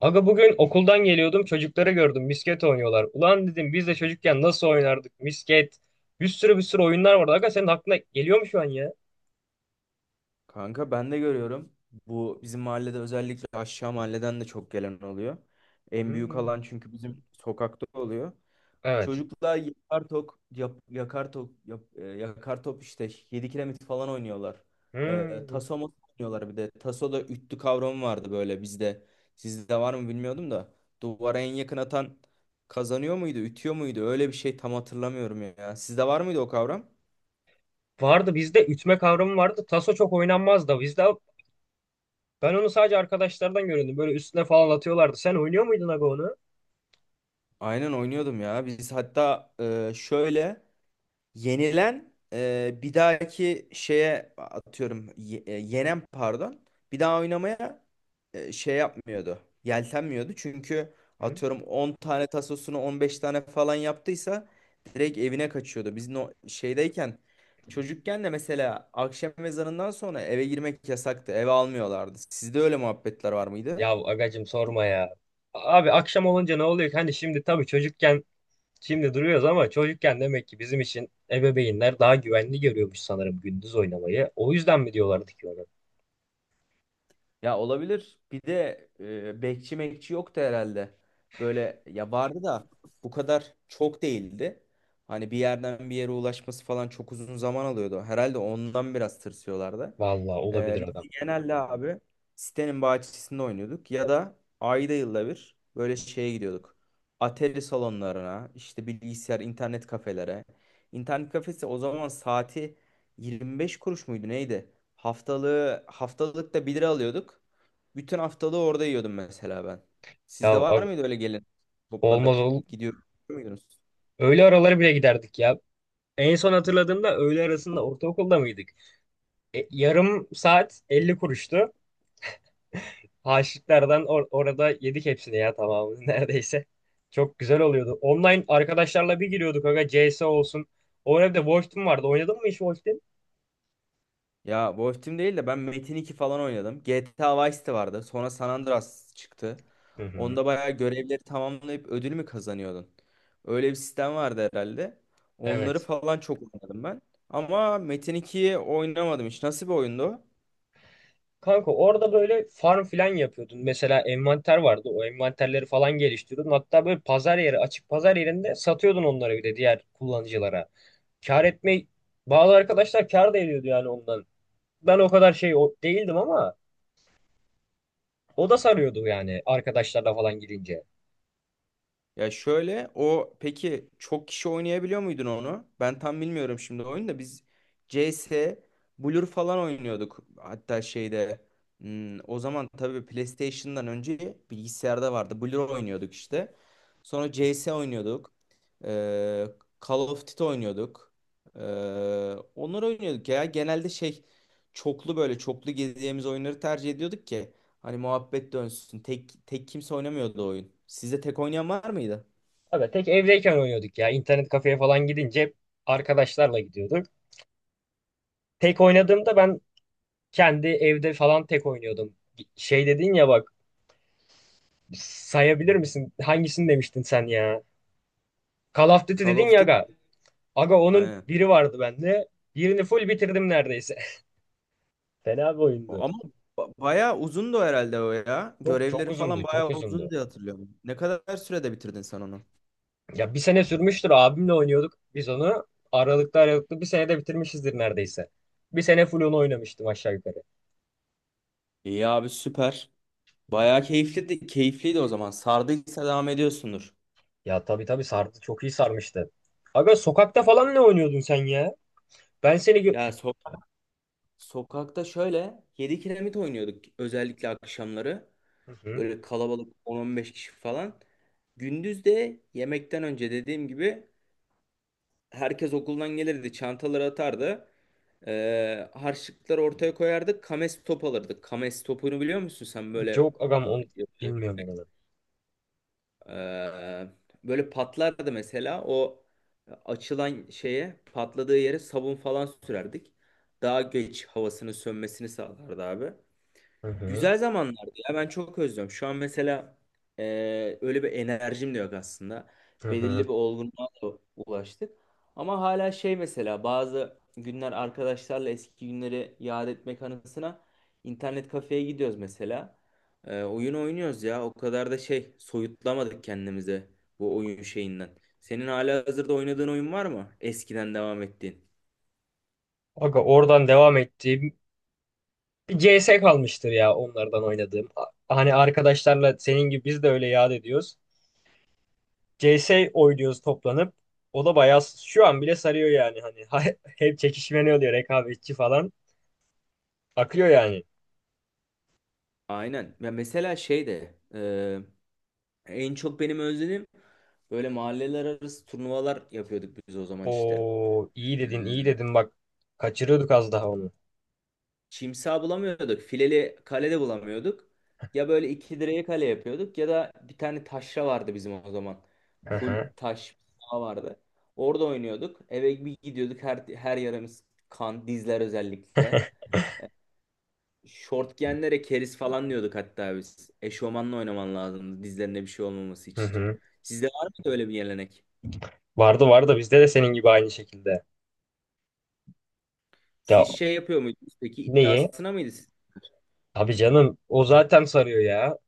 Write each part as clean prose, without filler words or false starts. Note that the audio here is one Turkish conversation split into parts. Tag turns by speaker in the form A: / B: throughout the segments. A: Aga bugün okuldan geliyordum, çocukları gördüm, misket oynuyorlar. Ulan dedim biz de çocukken nasıl oynardık misket. Bir sürü oyunlar vardı. Aga senin aklına geliyor mu şu an ya?
B: Kanka ben de görüyorum. Bu bizim mahallede özellikle aşağı mahalleden de çok gelen oluyor. En büyük
A: Hmm.
B: alan çünkü bizim sokakta oluyor.
A: Evet.
B: Çocuklar yakar tok, yap- yakar tok, yap- e, yakar top işte 7 kiremit falan oynuyorlar.
A: Hmm.
B: Taso masa oynuyorlar bir de. Taso'da üttü kavramı vardı böyle bizde. Sizde var mı bilmiyordum da. Duvara en yakın atan kazanıyor muydu, ütüyor muydu? Öyle bir şey tam hatırlamıyorum ya. Sizde var mıydı o kavram?
A: Vardı, bizde ütme kavramı vardı. Taso çok oynanmazdı. Bizde ben onu sadece arkadaşlardan görüyordum. Böyle üstüne falan atıyorlardı. Sen oynuyor muydun aga onu?
B: Aynen oynuyordum ya. Biz hatta şöyle, yenilen, bir dahaki şeye atıyorum, yenen pardon, bir daha oynamaya şey yapmıyordu. Yeltenmiyordu çünkü
A: Hı?
B: atıyorum 10 tane tasosunu 15 tane falan yaptıysa direkt evine kaçıyordu. Biz no şeydeyken çocukken de mesela akşam ezanından sonra eve girmek yasaktı. Eve almıyorlardı. Sizde öyle muhabbetler var mıydı?
A: Ya agacım sorma ya. Abi akşam olunca ne oluyor ki? Hani şimdi tabii çocukken, şimdi duruyoruz ama çocukken demek ki bizim için ebeveynler daha güvenli görüyormuş sanırım gündüz oynamayı. O yüzden mi diyorlardı ki ona?
B: Ya olabilir. Bir de bekçi mekçi yoktu herhalde. Böyle ya vardı da bu kadar çok değildi. Hani bir yerden bir yere ulaşması falan çok uzun zaman alıyordu. Herhalde ondan biraz tırsıyorlardı.
A: Vallahi olabilir
B: Biz
A: adam.
B: de genelde abi sitenin bahçesinde oynuyorduk. Ya da ayda yılda bir böyle şeye gidiyorduk. Atari salonlarına, işte bilgisayar, internet kafelere. İnternet kafesi o zaman saati 25 kuruş muydu neydi? Haftalık da 1 lira alıyorduk. Bütün haftalığı orada yiyordum mesela ben.
A: Ya
B: Sizde var
A: abi,
B: mıydı öyle gelin
A: olmaz
B: toplanıp
A: ol.
B: gidiyor muydunuz?
A: Öğle araları bile giderdik ya. En son hatırladığımda öğle arasında ortaokulda mıydık? Yarım saat 50 kuruştu. Haşitlerden orada yedik hepsini ya tamamını neredeyse. Çok güzel oluyordu. Online arkadaşlarla bir giriyorduk aga, CS olsun. Orada bir de Wolfteam vardı. Oynadın mı hiç Wolfteam?
B: Ya bu Team değil de ben Metin 2 falan oynadım. GTA Vice de vardı. Sonra San Andreas çıktı.
A: Hı hı.
B: Onda bayağı görevleri tamamlayıp ödül mü kazanıyordun? Öyle bir sistem vardı herhalde. Onları
A: Evet.
B: falan çok oynadım ben. Ama Metin 2'yi oynamadım hiç. Nasıl bir oyundu o?
A: Kanka orada böyle farm filan yapıyordun. Mesela envanter vardı. O envanterleri falan geliştiriyordun. Hatta böyle pazar yeri, açık pazar yerinde satıyordun onları bir de diğer kullanıcılara. Kar etme, bazı arkadaşlar kar da ediyordu yani ondan. Ben o kadar değildim ama o da sarıyordu yani arkadaşlarla falan gidince.
B: Ya şöyle, o peki çok kişi oynayabiliyor muydun onu? Ben tam bilmiyorum şimdi oyunu da. Biz CS, Blur falan oynuyorduk. Hatta şeyde, o zaman tabii PlayStation'dan önce bilgisayarda vardı. Blur oynuyorduk işte. Sonra CS oynuyorduk. Ee, Call of Duty oynuyorduk. Ee, Onları oynuyorduk ya. Genelde şey, çoklu, böyle çoklu gezeceğimiz oyunları tercih ediyorduk ki. Hani muhabbet dönsün. Tek tek kimse oynamıyordu o oyun. Sizde tek oynayan var mıydı?
A: Abi tek evdeyken oynuyorduk ya. İnternet kafeye falan gidince hep arkadaşlarla gidiyorduk. Tek oynadığımda ben kendi evde falan tek oynuyordum. Şey dedin ya bak, sayabilir misin? Hangisini demiştin sen ya? Call of Duty
B: Call
A: dedin
B: of
A: ya
B: Duty.
A: aga. Aga onun
B: Aynen.
A: biri vardı bende. Birini full bitirdim neredeyse. Fena bir oyundu.
B: Ama bayağı uzundu herhalde o ya.
A: Çok çok
B: Görevleri falan
A: uzundu, çok
B: bayağı
A: uzundu.
B: uzun diye hatırlıyorum. Ne kadar sürede bitirdin sen onu?
A: Ya bir sene sürmüştür, abimle oynuyorduk biz onu. Aralıklı bir senede bitirmişizdir neredeyse. Bir sene full onu oynamıştım aşağı yukarı.
B: İyi abi, süper. Bayağı keyifliydi, keyifliydi o zaman. Sardıysa devam ediyorsundur.
A: Ya tabii sardı, çok iyi sarmıştı. Aga sokakta falan ne oynuyordun sen ya? Ben seni gö-
B: Ya sokakta şöyle 7 kiremit oynuyorduk özellikle akşamları.
A: Hı hı.
B: Böyle kalabalık 10-15 kişi falan. Gündüz de yemekten önce dediğim gibi herkes okuldan gelirdi, çantaları atardı. Harçlıkları ortaya koyardık. Kames top alırdık. Kames topunu biliyor musun sen? Böyle
A: Yok agam onu bilmiyorum ben.
B: ee, böyle patlardı mesela. O açılan şeye, patladığı yere sabun falan sürerdik. Daha geç havasının sönmesini sağlardı abi.
A: Hı hı.
B: Güzel zamanlardı ya, ben çok özlüyorum. Şu an mesela öyle bir enerjim de yok aslında.
A: Hı
B: Belirli
A: hı.
B: bir olgunluğa da ulaştık. Ama hala şey, mesela bazı günler arkadaşlarla eski günleri yad etmek anısına internet kafeye gidiyoruz mesela. Oyun oynuyoruz ya, o kadar da şey soyutlamadık kendimize bu oyun şeyinden. Senin hala hazırda oynadığın oyun var mı? Eskiden devam ettiğin.
A: Aga oradan devam ettim. CS kalmıştır ya onlardan oynadığım. Hani arkadaşlarla senin gibi biz de öyle yad ediyoruz. CS oynuyoruz toplanıp. O da bayağı şu an bile sarıyor yani, hani hep çekişme, ne oluyor, rekabetçi falan akıyor yani.
B: Aynen. Ya mesela şey de, en çok benim özledim, böyle mahalleler arası turnuvalar yapıyorduk biz o zaman işte.
A: O iyi dedin, bak, kaçırıyorduk az daha onu.
B: Çimsa bulamıyorduk. Fileli kale de bulamıyorduk. Ya böyle iki direğe kale yapıyorduk ya da bir tane taşra vardı bizim o zaman.
A: Hı
B: Full
A: hı
B: taş saha vardı. Orada oynuyorduk. Eve bir gidiyorduk. Her yarımız kan, dizler özellikle. Şort giyenlere keriz falan diyorduk hatta biz. Eşofmanla oynaman lazımdı dizlerine bir şey olmaması
A: hı
B: için.
A: hı.
B: Sizde var mıydı öyle bir gelenek?
A: Vardı bizde de senin gibi aynı şekilde. Ya,
B: Siz şey yapıyor muydunuz peki,
A: neyi?
B: iddiasına mıydı? Siz?
A: Abi canım o zaten sarıyor ya.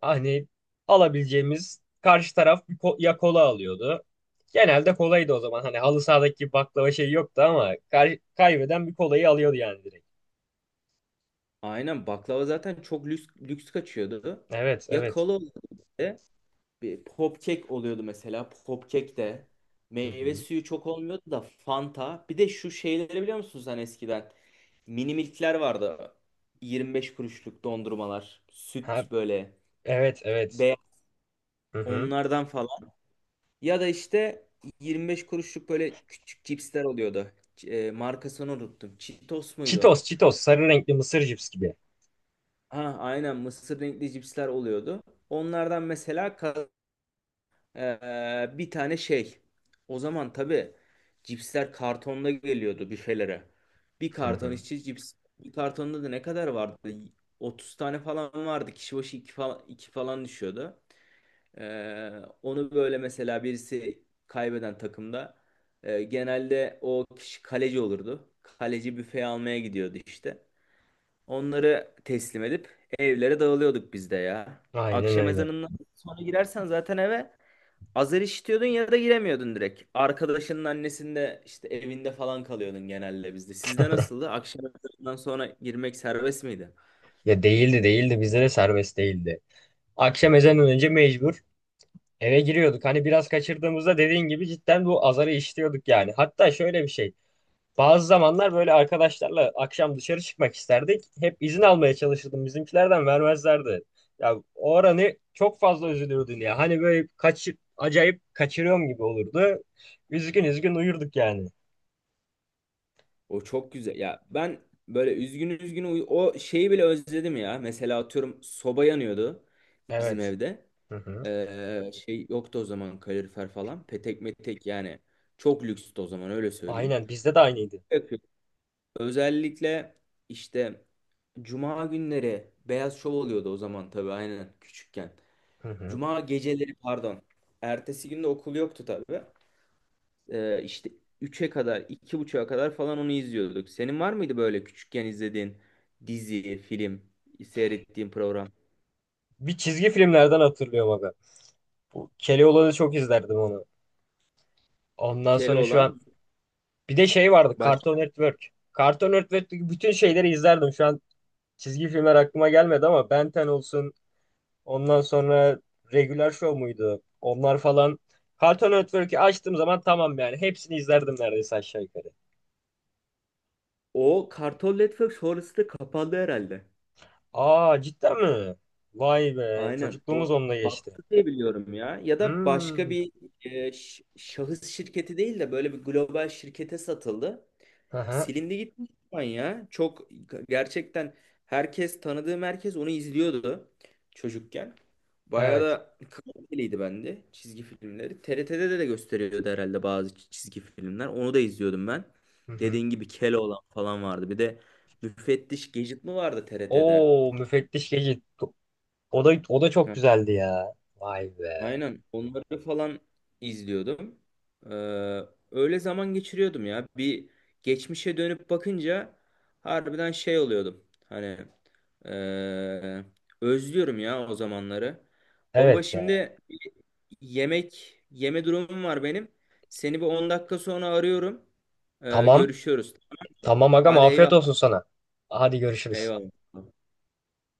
A: Hani alabileceğimiz, karşı taraf bir ya kola alıyordu. Genelde kolaydı o zaman. Hani halı sahadaki gibi baklava şey yoktu ama kaybeden bir kolayı alıyordu yani direkt.
B: Aynen, baklava zaten çok lüks, lüks kaçıyordu.
A: Evet,
B: Ya
A: evet.
B: kola oluyordu bir de, bir pop cake oluyordu mesela. Pop cake de,
A: Hı
B: meyve
A: hı.
B: suyu çok olmuyordu da Fanta. Bir de şu şeyleri biliyor musunuz, hani eskiden mini milkler vardı. 25 kuruşluk dondurmalar,
A: Ha,
B: süt böyle
A: evet, evet.
B: beyaz
A: Hı hı.
B: onlardan falan. Ya da işte 25 kuruşluk böyle küçük cipsler oluyordu. Markasını unuttum. Cheetos muydu?
A: Cheetos, Cheetos. Sarı renkli mısır cips gibi.
B: Ha, aynen mısır renkli cipsler oluyordu. Onlardan mesela bir tane şey. O zaman tabii cipsler kartonda geliyordu büfelere. Bir
A: Hı
B: karton
A: hı.
B: içi cips. Bir kartonda da ne kadar vardı? 30 tane falan vardı. Kişi başı 2 falan, iki falan düşüyordu. Eee, Onu böyle mesela birisi kaybeden takımda, genelde o kişi kaleci olurdu. Kaleci büfeye almaya gidiyordu işte. Onları teslim edip evlere dağılıyorduk biz de ya.
A: Aynen
B: Akşam
A: öyle.
B: ezanından sonra girersen zaten eve azar işitiyordun ya da giremiyordun direkt. Arkadaşının annesinde, işte evinde falan kalıyordun genelde bizde. Sizde nasıldı? Akşam ezanından sonra girmek serbest miydi?
A: Ya değildi. Bizde de serbest değildi. Akşam ezanından önce mecbur eve giriyorduk. Hani biraz kaçırdığımızda dediğin gibi cidden bu azarı işliyorduk yani. Hatta şöyle bir şey. Bazı zamanlar böyle arkadaşlarla akşam dışarı çıkmak isterdik. Hep izin almaya çalışırdım, bizimkilerden vermezlerdi. Ya o aranı çok fazla üzülürdün ya. Hani böyle acayip kaçırıyorum gibi olurdu. Üzgün üzgün uyurduk yani.
B: O çok güzel. Ya ben böyle üzgün üzgün o şeyi bile özledim ya. Mesela atıyorum soba yanıyordu bizim
A: Evet.
B: evde.
A: Hı hı.
B: Şey yoktu o zaman, kalorifer falan. Petek metek yani. Çok lükstü o zaman, öyle söyleyeyim.
A: Aynen, bizde de aynıydı.
B: Özellikle işte Cuma günleri Beyaz Şov oluyordu o zaman, tabii aynen küçükken.
A: Hı hı.
B: Cuma geceleri pardon. Ertesi günde okul yoktu tabii. İşte 3'e kadar, 2.30'a kadar falan onu izliyorduk. Senin var mıydı böyle küçükken izlediğin dizi, film, seyrettiğin program?
A: Bir çizgi filmlerden hatırlıyorum abi. Bu Keloğlan'ı çok izlerdim onu. Ondan sonra şu an
B: Keloğlan
A: bir de şey vardı,
B: baş...
A: Cartoon Network. Cartoon Network'teki bütün şeyleri izlerdim. Şu an çizgi filmler aklıma gelmedi ama Ben 10 olsun, ondan sonra Regular Show muydu? Onlar falan. Cartoon Network'ü açtığım zaman tamam yani. Hepsini izlerdim neredeyse aşağı yukarı.
B: O Kartal Network sonrası da kapandı herhalde.
A: Aa, cidden mi? Vay be.
B: Aynen.
A: Çocukluğumuz
B: O
A: onunla geçti.
B: battı diye biliyorum ya. Ya da başka
A: Hmm.
B: bir, şahıs şirketi değil de böyle bir global şirkete satıldı.
A: Aha,
B: Silindi gitmiş şu an ya. Çok gerçekten, herkes, tanıdığım herkes onu izliyordu çocukken. Bayağı
A: evet.
B: da kaliteliydi bende çizgi filmleri. TRT'de de gösteriyordu herhalde bazı çizgi filmler. Onu da izliyordum ben.
A: Hı hı.
B: Dediğin gibi Keloğlan falan vardı. Bir de Müfettiş Gadget mi vardı TRT'de?
A: Oo, müfettiş Gecit. O da, o da çok güzeldi ya. Vay be.
B: Aynen onları falan izliyordum. Ee, Öyle zaman geçiriyordum ya. Bir geçmişe dönüp bakınca harbiden şey oluyordum. Hani ee, özlüyorum ya o zamanları. Baba
A: Evet ya.
B: şimdi yemek yeme durumum var benim. Seni bir 10 dakika sonra arıyorum.
A: Tamam.
B: Görüşüyoruz.
A: Tamam agam,
B: Hadi eyvallah.
A: afiyet olsun sana. Hadi görüşürüz.
B: Eyvallah.